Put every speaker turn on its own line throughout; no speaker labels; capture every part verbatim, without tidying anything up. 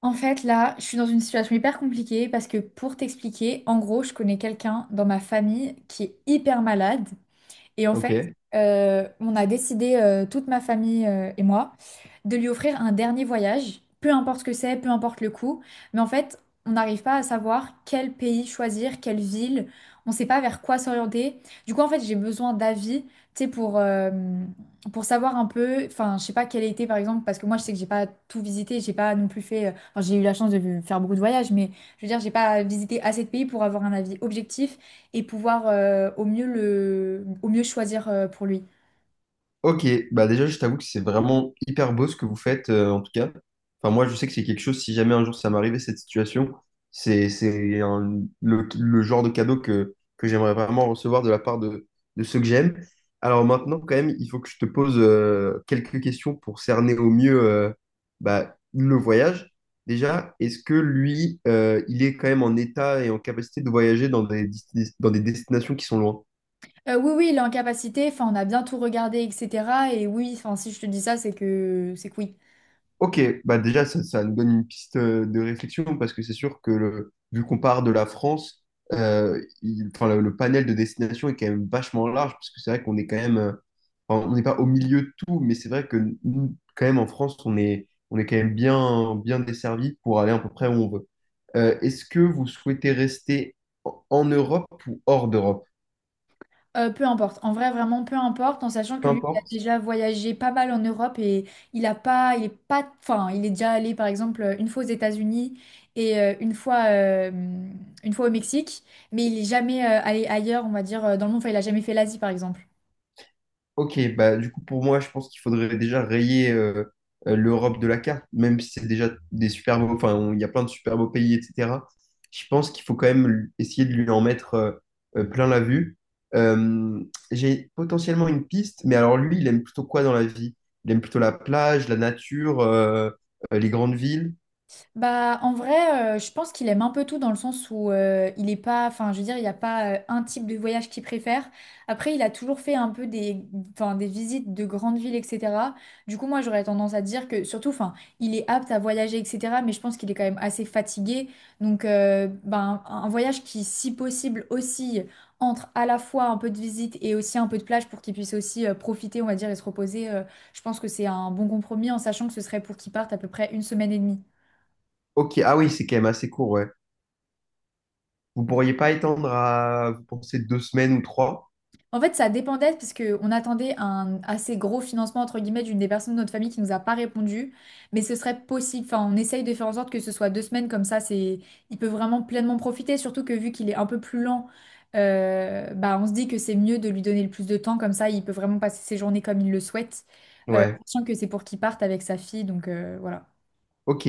En fait, là, je suis dans une situation hyper compliquée parce que pour t'expliquer, en gros, je connais quelqu'un dans ma famille qui est hyper malade et en fait,
Ok,
euh, on a décidé, euh, toute ma famille euh, et moi, de lui offrir un dernier voyage, peu importe ce que c'est, peu importe le coût. Mais en fait, on n'arrive pas à savoir quel pays choisir, quelle ville. On ne sait pas vers quoi s'orienter. Du coup, en fait, j'ai besoin d'avis, tu sais, pour, euh, pour savoir un peu, enfin, je sais pas quel été, par exemple, parce que moi, je sais que j'ai pas tout visité, j'ai pas non plus fait, euh, enfin, j'ai eu la chance de faire beaucoup de voyages, mais je veux dire, j'ai pas visité assez de pays pour avoir un avis objectif et pouvoir euh, au mieux le, au mieux choisir euh, pour lui.
ok. Bah déjà, je t'avoue que c'est vraiment hyper beau ce que vous faites, euh, en tout cas. Enfin, moi, je sais que c'est quelque chose, si jamais un jour ça m'arrivait, cette situation, c'est c'est un- le, le genre de cadeau que, que j'aimerais vraiment recevoir de la part de, de ceux que j'aime. Alors maintenant, quand même, il faut que je te pose euh, quelques questions pour cerner au mieux euh, bah, le voyage. Déjà, est-ce que lui, euh, il est quand même en état et en capacité de voyager dans des, dis- dans des destinations qui sont loin?
Euh, oui, oui, il est en capacité, enfin, on a bien tout regardé, et cetera. Et oui, enfin, si je te dis ça, c'est que c'est que oui.
Ok, bah déjà, ça, ça nous donne une piste euh, de réflexion parce que c'est sûr que le- vu qu'on part de la France, euh, il- enfin, le, le panel de destinations est quand même vachement large parce que c'est vrai qu'on est quand même, euh, enfin, on n'est pas au milieu de tout, mais c'est vrai que nous, quand même en France, on est, on est quand même bien, bien desservi pour aller à peu près où on veut. Euh, est-ce que vous souhaitez rester en en Europe ou hors d'Europe?
Euh, peu importe, en vrai, vraiment, peu importe, en sachant que
Peu
lui, il a
importe.
déjà voyagé pas mal en Europe et il a pas, il est pas, enfin, il est déjà allé, par exemple, une fois aux États-Unis et euh, une fois, euh, une fois au Mexique, mais il est jamais euh, allé ailleurs, on va dire, euh, dans le monde, enfin, il a jamais fait l'Asie, par exemple.
Ok, bah du coup pour moi je pense qu'il faudrait déjà rayer euh, euh, l'Europe de la carte, même si c'est déjà des super beaux, enfin on- il y a plein de super beaux pays, et cetera. Je pense qu'il faut quand même lui- essayer de lui en mettre euh, euh, plein la vue. Euh, j'ai potentiellement une piste, mais alors lui il aime plutôt quoi dans la vie? Il aime plutôt la plage, la nature, euh, euh, les grandes villes.
Bah, en vrai, euh, je pense qu'il aime un peu tout dans le sens où euh, il est pas, enfin, je veux dire, il n'y a pas euh, un type de voyage qu'il préfère. Après, il a toujours fait un peu des, enfin, des visites de grandes villes, et cetera. Du coup, moi, j'aurais tendance à dire que, surtout, enfin, il est apte à voyager, et cetera. Mais je pense qu'il est quand même assez fatigué. Donc, euh, ben, un voyage qui, si possible, aussi entre à la fois un peu de visite et aussi un peu de plage pour qu'il puisse aussi euh, profiter, on va dire, et se reposer. Euh, je pense que c'est un bon compromis en sachant que ce serait pour qu'il parte à peu près une semaine et demie.
Ok, ah oui c'est quand même assez court, ouais. Vous pourriez pas étendre à, vous pensez deux semaines ou trois?
En fait, ça dépendait parce que on attendait un assez gros financement entre guillemets d'une des personnes de notre famille qui nous a pas répondu, mais ce serait possible. Enfin, on essaye de faire en sorte que ce soit deux semaines comme ça, c'est, il peut vraiment pleinement profiter. Surtout que vu qu'il est un peu plus lent, euh, bah on se dit que c'est mieux de lui donner le plus de temps comme ça, il peut vraiment passer ses journées comme il le souhaite, euh, en
Ouais.
sachant que c'est pour qu'il parte avec sa fille, donc euh, voilà.
Ok,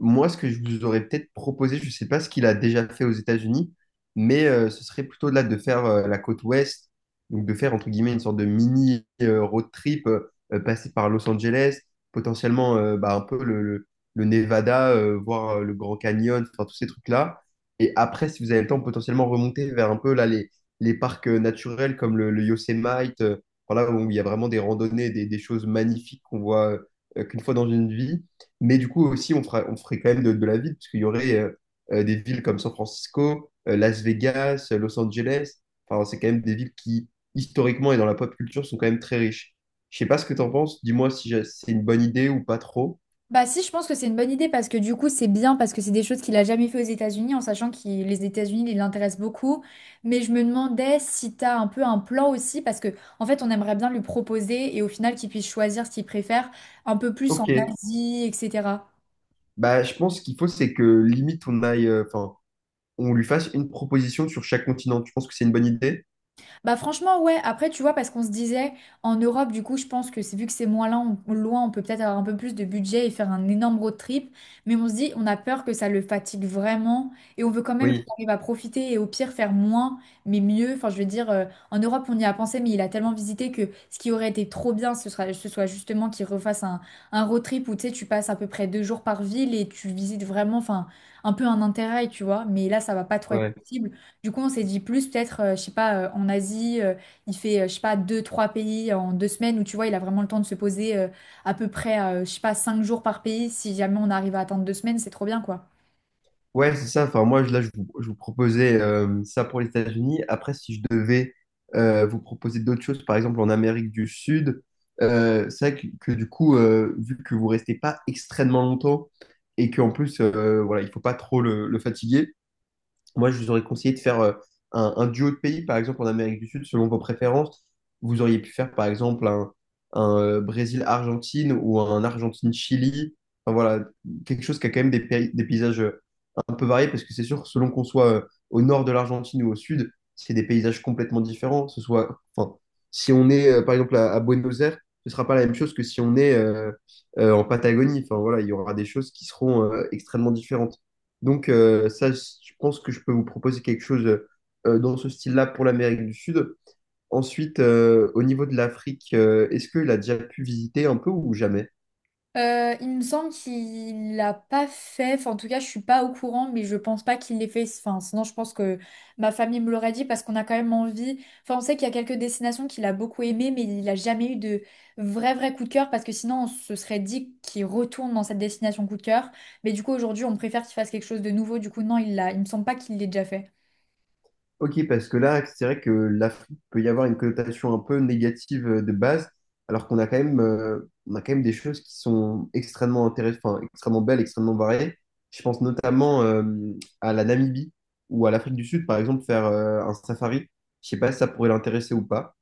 moi ce que je vous aurais peut-être proposé, je ne sais pas ce qu'il a déjà fait aux États-Unis, mais euh, ce serait plutôt là de faire euh, la côte ouest, donc de faire entre guillemets une sorte de mini euh, road trip, euh, euh, passer par Los Angeles, potentiellement euh, bah, un peu le, le- le Nevada, euh, voir euh, le Grand Canyon, enfin tous ces trucs-là. Et après, si vous avez le temps, potentiellement remonter vers un peu là les, les parcs euh, naturels comme le, le Yosemite, euh, voilà, où il y a vraiment des randonnées, des, des choses magnifiques qu'on voit euh, qu'une fois dans une vie. Mais du coup, aussi, on fera on ferait quand même de, de la ville, parce qu'il y aurait euh, euh, des villes comme San Francisco, euh, Las Vegas, euh, Los Angeles. Enfin, c'est quand même des villes qui, historiquement et dans la pop culture, sont quand même très riches. Je sais pas ce que tu en penses. Dis-moi si j'ai- c'est une bonne idée ou pas trop.
Bah si, je pense que c'est une bonne idée parce que du coup c'est bien parce que c'est des choses qu'il a jamais fait aux États-Unis en sachant que les États-Unis ils l'intéressent beaucoup. Mais je me demandais si t'as un peu un plan aussi parce que en fait on aimerait bien lui proposer et au final qu'il puisse choisir ce qu'il préfère un peu plus en
Ok.
Asie, et cetera.
Bah, je pense qu'il faut, c'est que limite, on aille, euh, enfin, on lui fasse une proposition sur chaque continent. Tu penses que c'est une bonne idée?
Bah franchement, ouais, après, tu vois, parce qu'on se disait, en Europe, du coup, je pense que c'est vu que c'est moins loin, on, loin, on peut peut-être avoir un peu plus de budget et faire un énorme road trip, mais on se dit, on a peur que ça le fatigue vraiment, et on veut quand même qu'il
Oui,
arrive à profiter et au pire faire moins, mais mieux. Enfin, je veux dire, euh, en Europe, on y a pensé, mais il a tellement visité que ce qui aurait été trop bien, ce sera, ce soit justement qu'il refasse un, un road trip où, tu sais, tu passes à peu près deux jours par ville et tu visites vraiment, enfin, un peu un intérêt, tu vois, mais là, ça va pas trop être
ouais.
possible. Du coup, on s'est dit plus, peut-être, euh, je sais pas, euh, en Asie, euh, il fait, euh, je sais pas, deux, trois pays en deux semaines où tu vois, il a vraiment le temps de se poser euh, à peu près, euh, je sais pas, cinq jours par pays. Si jamais on arrive à atteindre deux semaines, c'est trop bien, quoi.
Ouais, c'est ça. Enfin, moi, je- là, je vous, je vous proposais euh, ça pour les États-Unis. Après, si je devais euh, vous proposer d'autres choses, par exemple en Amérique du Sud, euh, c'est vrai que, que du coup, euh, vu que vous restez pas extrêmement longtemps et qu'en plus, euh, voilà, il faut pas trop le, le fatiguer, moi, je vous aurais conseillé de faire euh, un, un duo de pays, par exemple en Amérique du Sud, selon vos préférences. Vous auriez pu faire, par exemple, un, un, euh, Brésil-Argentine ou un Argentine-Chili. Enfin, voilà, quelque chose qui a quand même des, pays- des paysages euh, un peu variés, parce que c'est sûr, selon qu'on soit euh, au nord de l'Argentine ou au sud, c'est des paysages complètement différents. Ce soit, enfin, si on est, euh, par exemple, à, à Buenos Aires, ce sera pas la même chose que si on est euh, euh, en Patagonie. Enfin, voilà, il y aura des choses qui seront euh, extrêmement différentes. Donc, euh, ça, je pense que je peux vous proposer quelque chose euh, dans ce style-là pour l'Amérique du Sud. Ensuite, euh, au niveau de l'Afrique, euh, est-ce qu'il a déjà pu visiter un peu ou jamais?
Euh, il me semble qu'il l'a pas fait. Enfin, en tout cas, je suis pas au courant, mais je pense pas qu'il l'ait fait. Enfin, sinon, je pense que ma famille me l'aurait dit parce qu'on a quand même envie. Enfin, on sait qu'il y a quelques destinations qu'il a beaucoup aimées, mais il a jamais eu de vrai vrai coup de cœur parce que sinon, on se serait dit qu'il retourne dans cette destination coup de cœur. Mais du coup, aujourd'hui, on préfère qu'il fasse quelque chose de nouveau. Du coup, non, il l'a. Il me semble pas qu'il l'ait déjà fait.
Ok, parce que là, c'est vrai que l'Afrique peut y avoir une connotation un peu négative euh, de base, alors qu'on a quand même, euh, on a quand même des choses qui sont extrêmement intéressantes, enfin, extrêmement belles, extrêmement variées. Je pense notamment euh, à la Namibie ou à l'Afrique du Sud, par exemple, faire euh, un safari. Je sais pas si ça pourrait l'intéresser ou pas.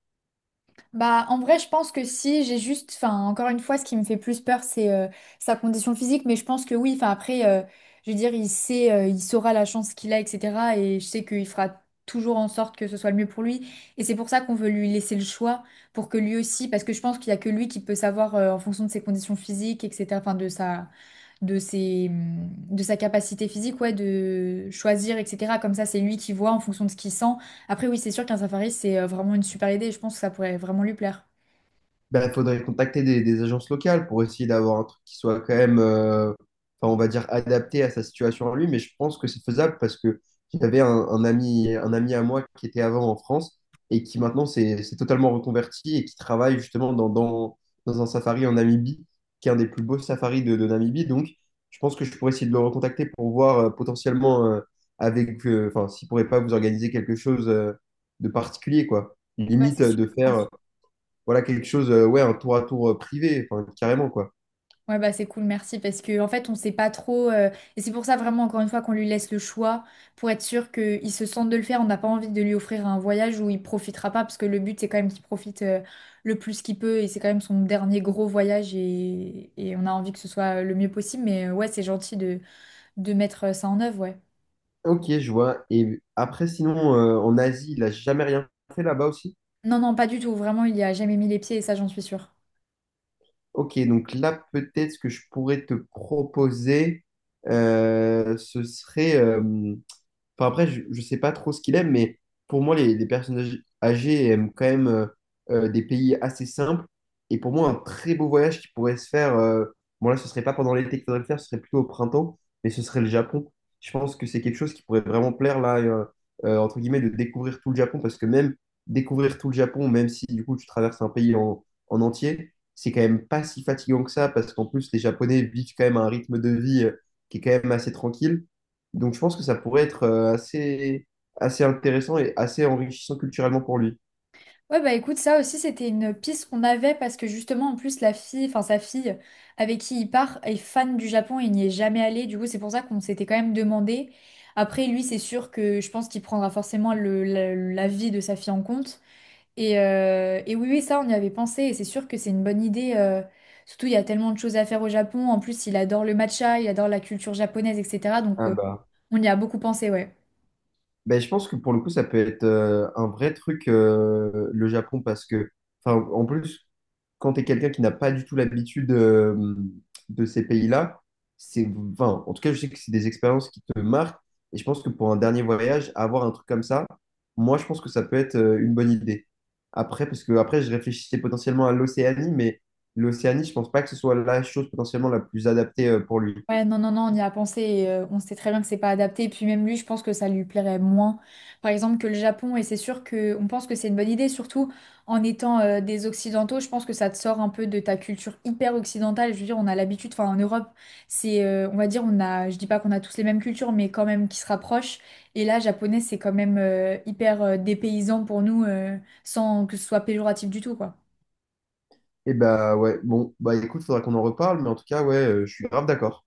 Bah, en vrai, je pense que si j'ai juste, enfin, encore une fois, ce qui me fait plus peur, c'est euh, sa condition physique, mais je pense que oui, enfin, après, euh, je veux dire, il sait, euh, il saura la chance qu'il a, et cetera. Et je sais qu'il fera toujours en sorte que ce soit le mieux pour lui. Et c'est pour ça qu'on veut lui laisser le choix, pour que lui aussi, parce que je pense qu'il y a que lui qui peut savoir, euh, en fonction de ses conditions physiques, et cetera, enfin, de sa, de ses, de sa capacité physique, ouais, de choisir, et cetera. Comme ça, c'est lui qui voit en fonction de ce qu'il sent. Après, oui, c'est sûr qu'un safari, c'est euh, vraiment une super idée. et Je pense que ça pourrait vraiment lui plaire.
Ben, il faudrait contacter des, des agences locales pour essayer d'avoir un truc qui soit quand même, euh, enfin, on va dire, adapté à sa situation à lui. Mais je pense que c'est faisable parce que j'avais un, un ami, un ami à moi qui était avant en France et qui maintenant s'est s'est totalement reconverti et qui travaille justement dans, dans, dans un safari en Namibie, qui est un des plus beaux safaris de, de Namibie. Donc, je pense que je pourrais essayer de le recontacter pour voir euh, potentiellement euh, avec, euh, enfin, s'il pourrait pas vous organiser quelque chose euh, de particulier, quoi.
Ouais,
Limite
c'est
euh,
sûr.
de faire voilà quelque chose, euh, ouais, un tour à tour euh, privé, enfin, carrément, quoi.
Ouais, bah c'est cool, merci, parce que en fait, on sait pas trop. Euh, et c'est pour ça, vraiment, encore une fois, qu'on lui laisse le choix pour être sûr qu'il se sente de le faire. On n'a pas envie de lui offrir un voyage où il profitera pas, parce que le but, c'est quand même qu'il profite euh, le plus qu'il peut. Et c'est quand même son dernier gros voyage, et, et on a envie que ce soit le mieux possible. Mais euh, ouais, c'est gentil de de mettre euh, ça en œuvre, ouais.
Ok, je vois. Et après, sinon, euh, en Asie, il n'a jamais rien fait là-bas aussi.
Non, non, pas du tout. Vraiment, il y a jamais mis les pieds et ça, j'en suis sûre.
Ok, donc là, peut-être ce que je pourrais te proposer, euh, ce serait, euh, enfin, après, je, je sais pas trop ce qu'il aime, mais pour moi, les, les personnes âg- âgées aiment quand même euh, euh, des pays assez simples. Et pour moi, un très beau voyage qui pourrait se faire, euh, bon là, ce serait pas pendant l'été qu'il faudrait le faire, ce serait plutôt au printemps, mais ce serait le Japon. Je pense que c'est quelque chose qui pourrait vraiment plaire, là, euh, euh, entre guillemets, de découvrir tout le Japon, parce que même découvrir tout le Japon, même si du coup tu traverses un pays en, en entier, c'est quand même pas si fatigant que ça, parce qu'en plus, les Japonais vivent quand même un rythme de vie euh, qui est quand même assez tranquille. Donc, je pense que ça pourrait être euh, assez, assez intéressant et assez enrichissant culturellement pour lui.
Ouais, bah écoute, ça aussi, c'était une piste qu'on avait parce que justement, en plus, la fille, enfin sa fille avec qui il part est fan du Japon et il n'y est jamais allé. Du coup, c'est pour ça qu'on s'était quand même demandé. Après, lui, c'est sûr que je pense qu'il prendra forcément le, la, l'avis de sa fille en compte. Et, euh, et oui, oui, ça, on y avait pensé et c'est sûr que c'est une bonne idée. Euh, surtout, il y a tellement de choses à faire au Japon. En plus, il adore le matcha, il adore la culture japonaise, et cetera. Donc,
Ah
euh,
bah.
on y a beaucoup pensé, ouais.
Ben, je pense que pour le coup, ça peut être euh, un vrai truc, euh, le Japon, parce que, enfin, en plus, quand tu es quelqu'un qui n'a pas du tout l'habitude euh, de ces pays-là, c'est, enfin, en tout cas, je sais que c'est des expériences qui te marquent. Et je pense que pour un dernier voyage, avoir un truc comme ça, moi, je pense que ça peut être euh, une bonne idée. Après, parce que après, je réfléchissais potentiellement à l'Océanie, mais l'Océanie, je pense pas que ce soit la chose potentiellement la plus adaptée euh, pour lui.
Ouais, non, non, non, on y a pensé et euh, on sait très bien que c'est pas adapté. Et puis même lui, je pense que ça lui plairait moins, par exemple, que le Japon. Et c'est sûr que on pense que c'est une bonne idée, surtout en étant euh, des Occidentaux. Je pense que ça te sort un peu de ta culture hyper occidentale. Je veux dire, on a l'habitude, enfin en Europe, c'est, euh, on va dire, on a, je dis pas qu'on a tous les mêmes cultures, mais quand même qui se rapprochent. Et là, japonais, c'est quand même euh, hyper euh, dépaysant pour nous, euh, sans que ce soit péjoratif du tout, quoi.
Et bah ouais, bon, bah écoute, faudra qu'on en reparle, mais en tout cas, ouais, euh, je suis grave d'accord.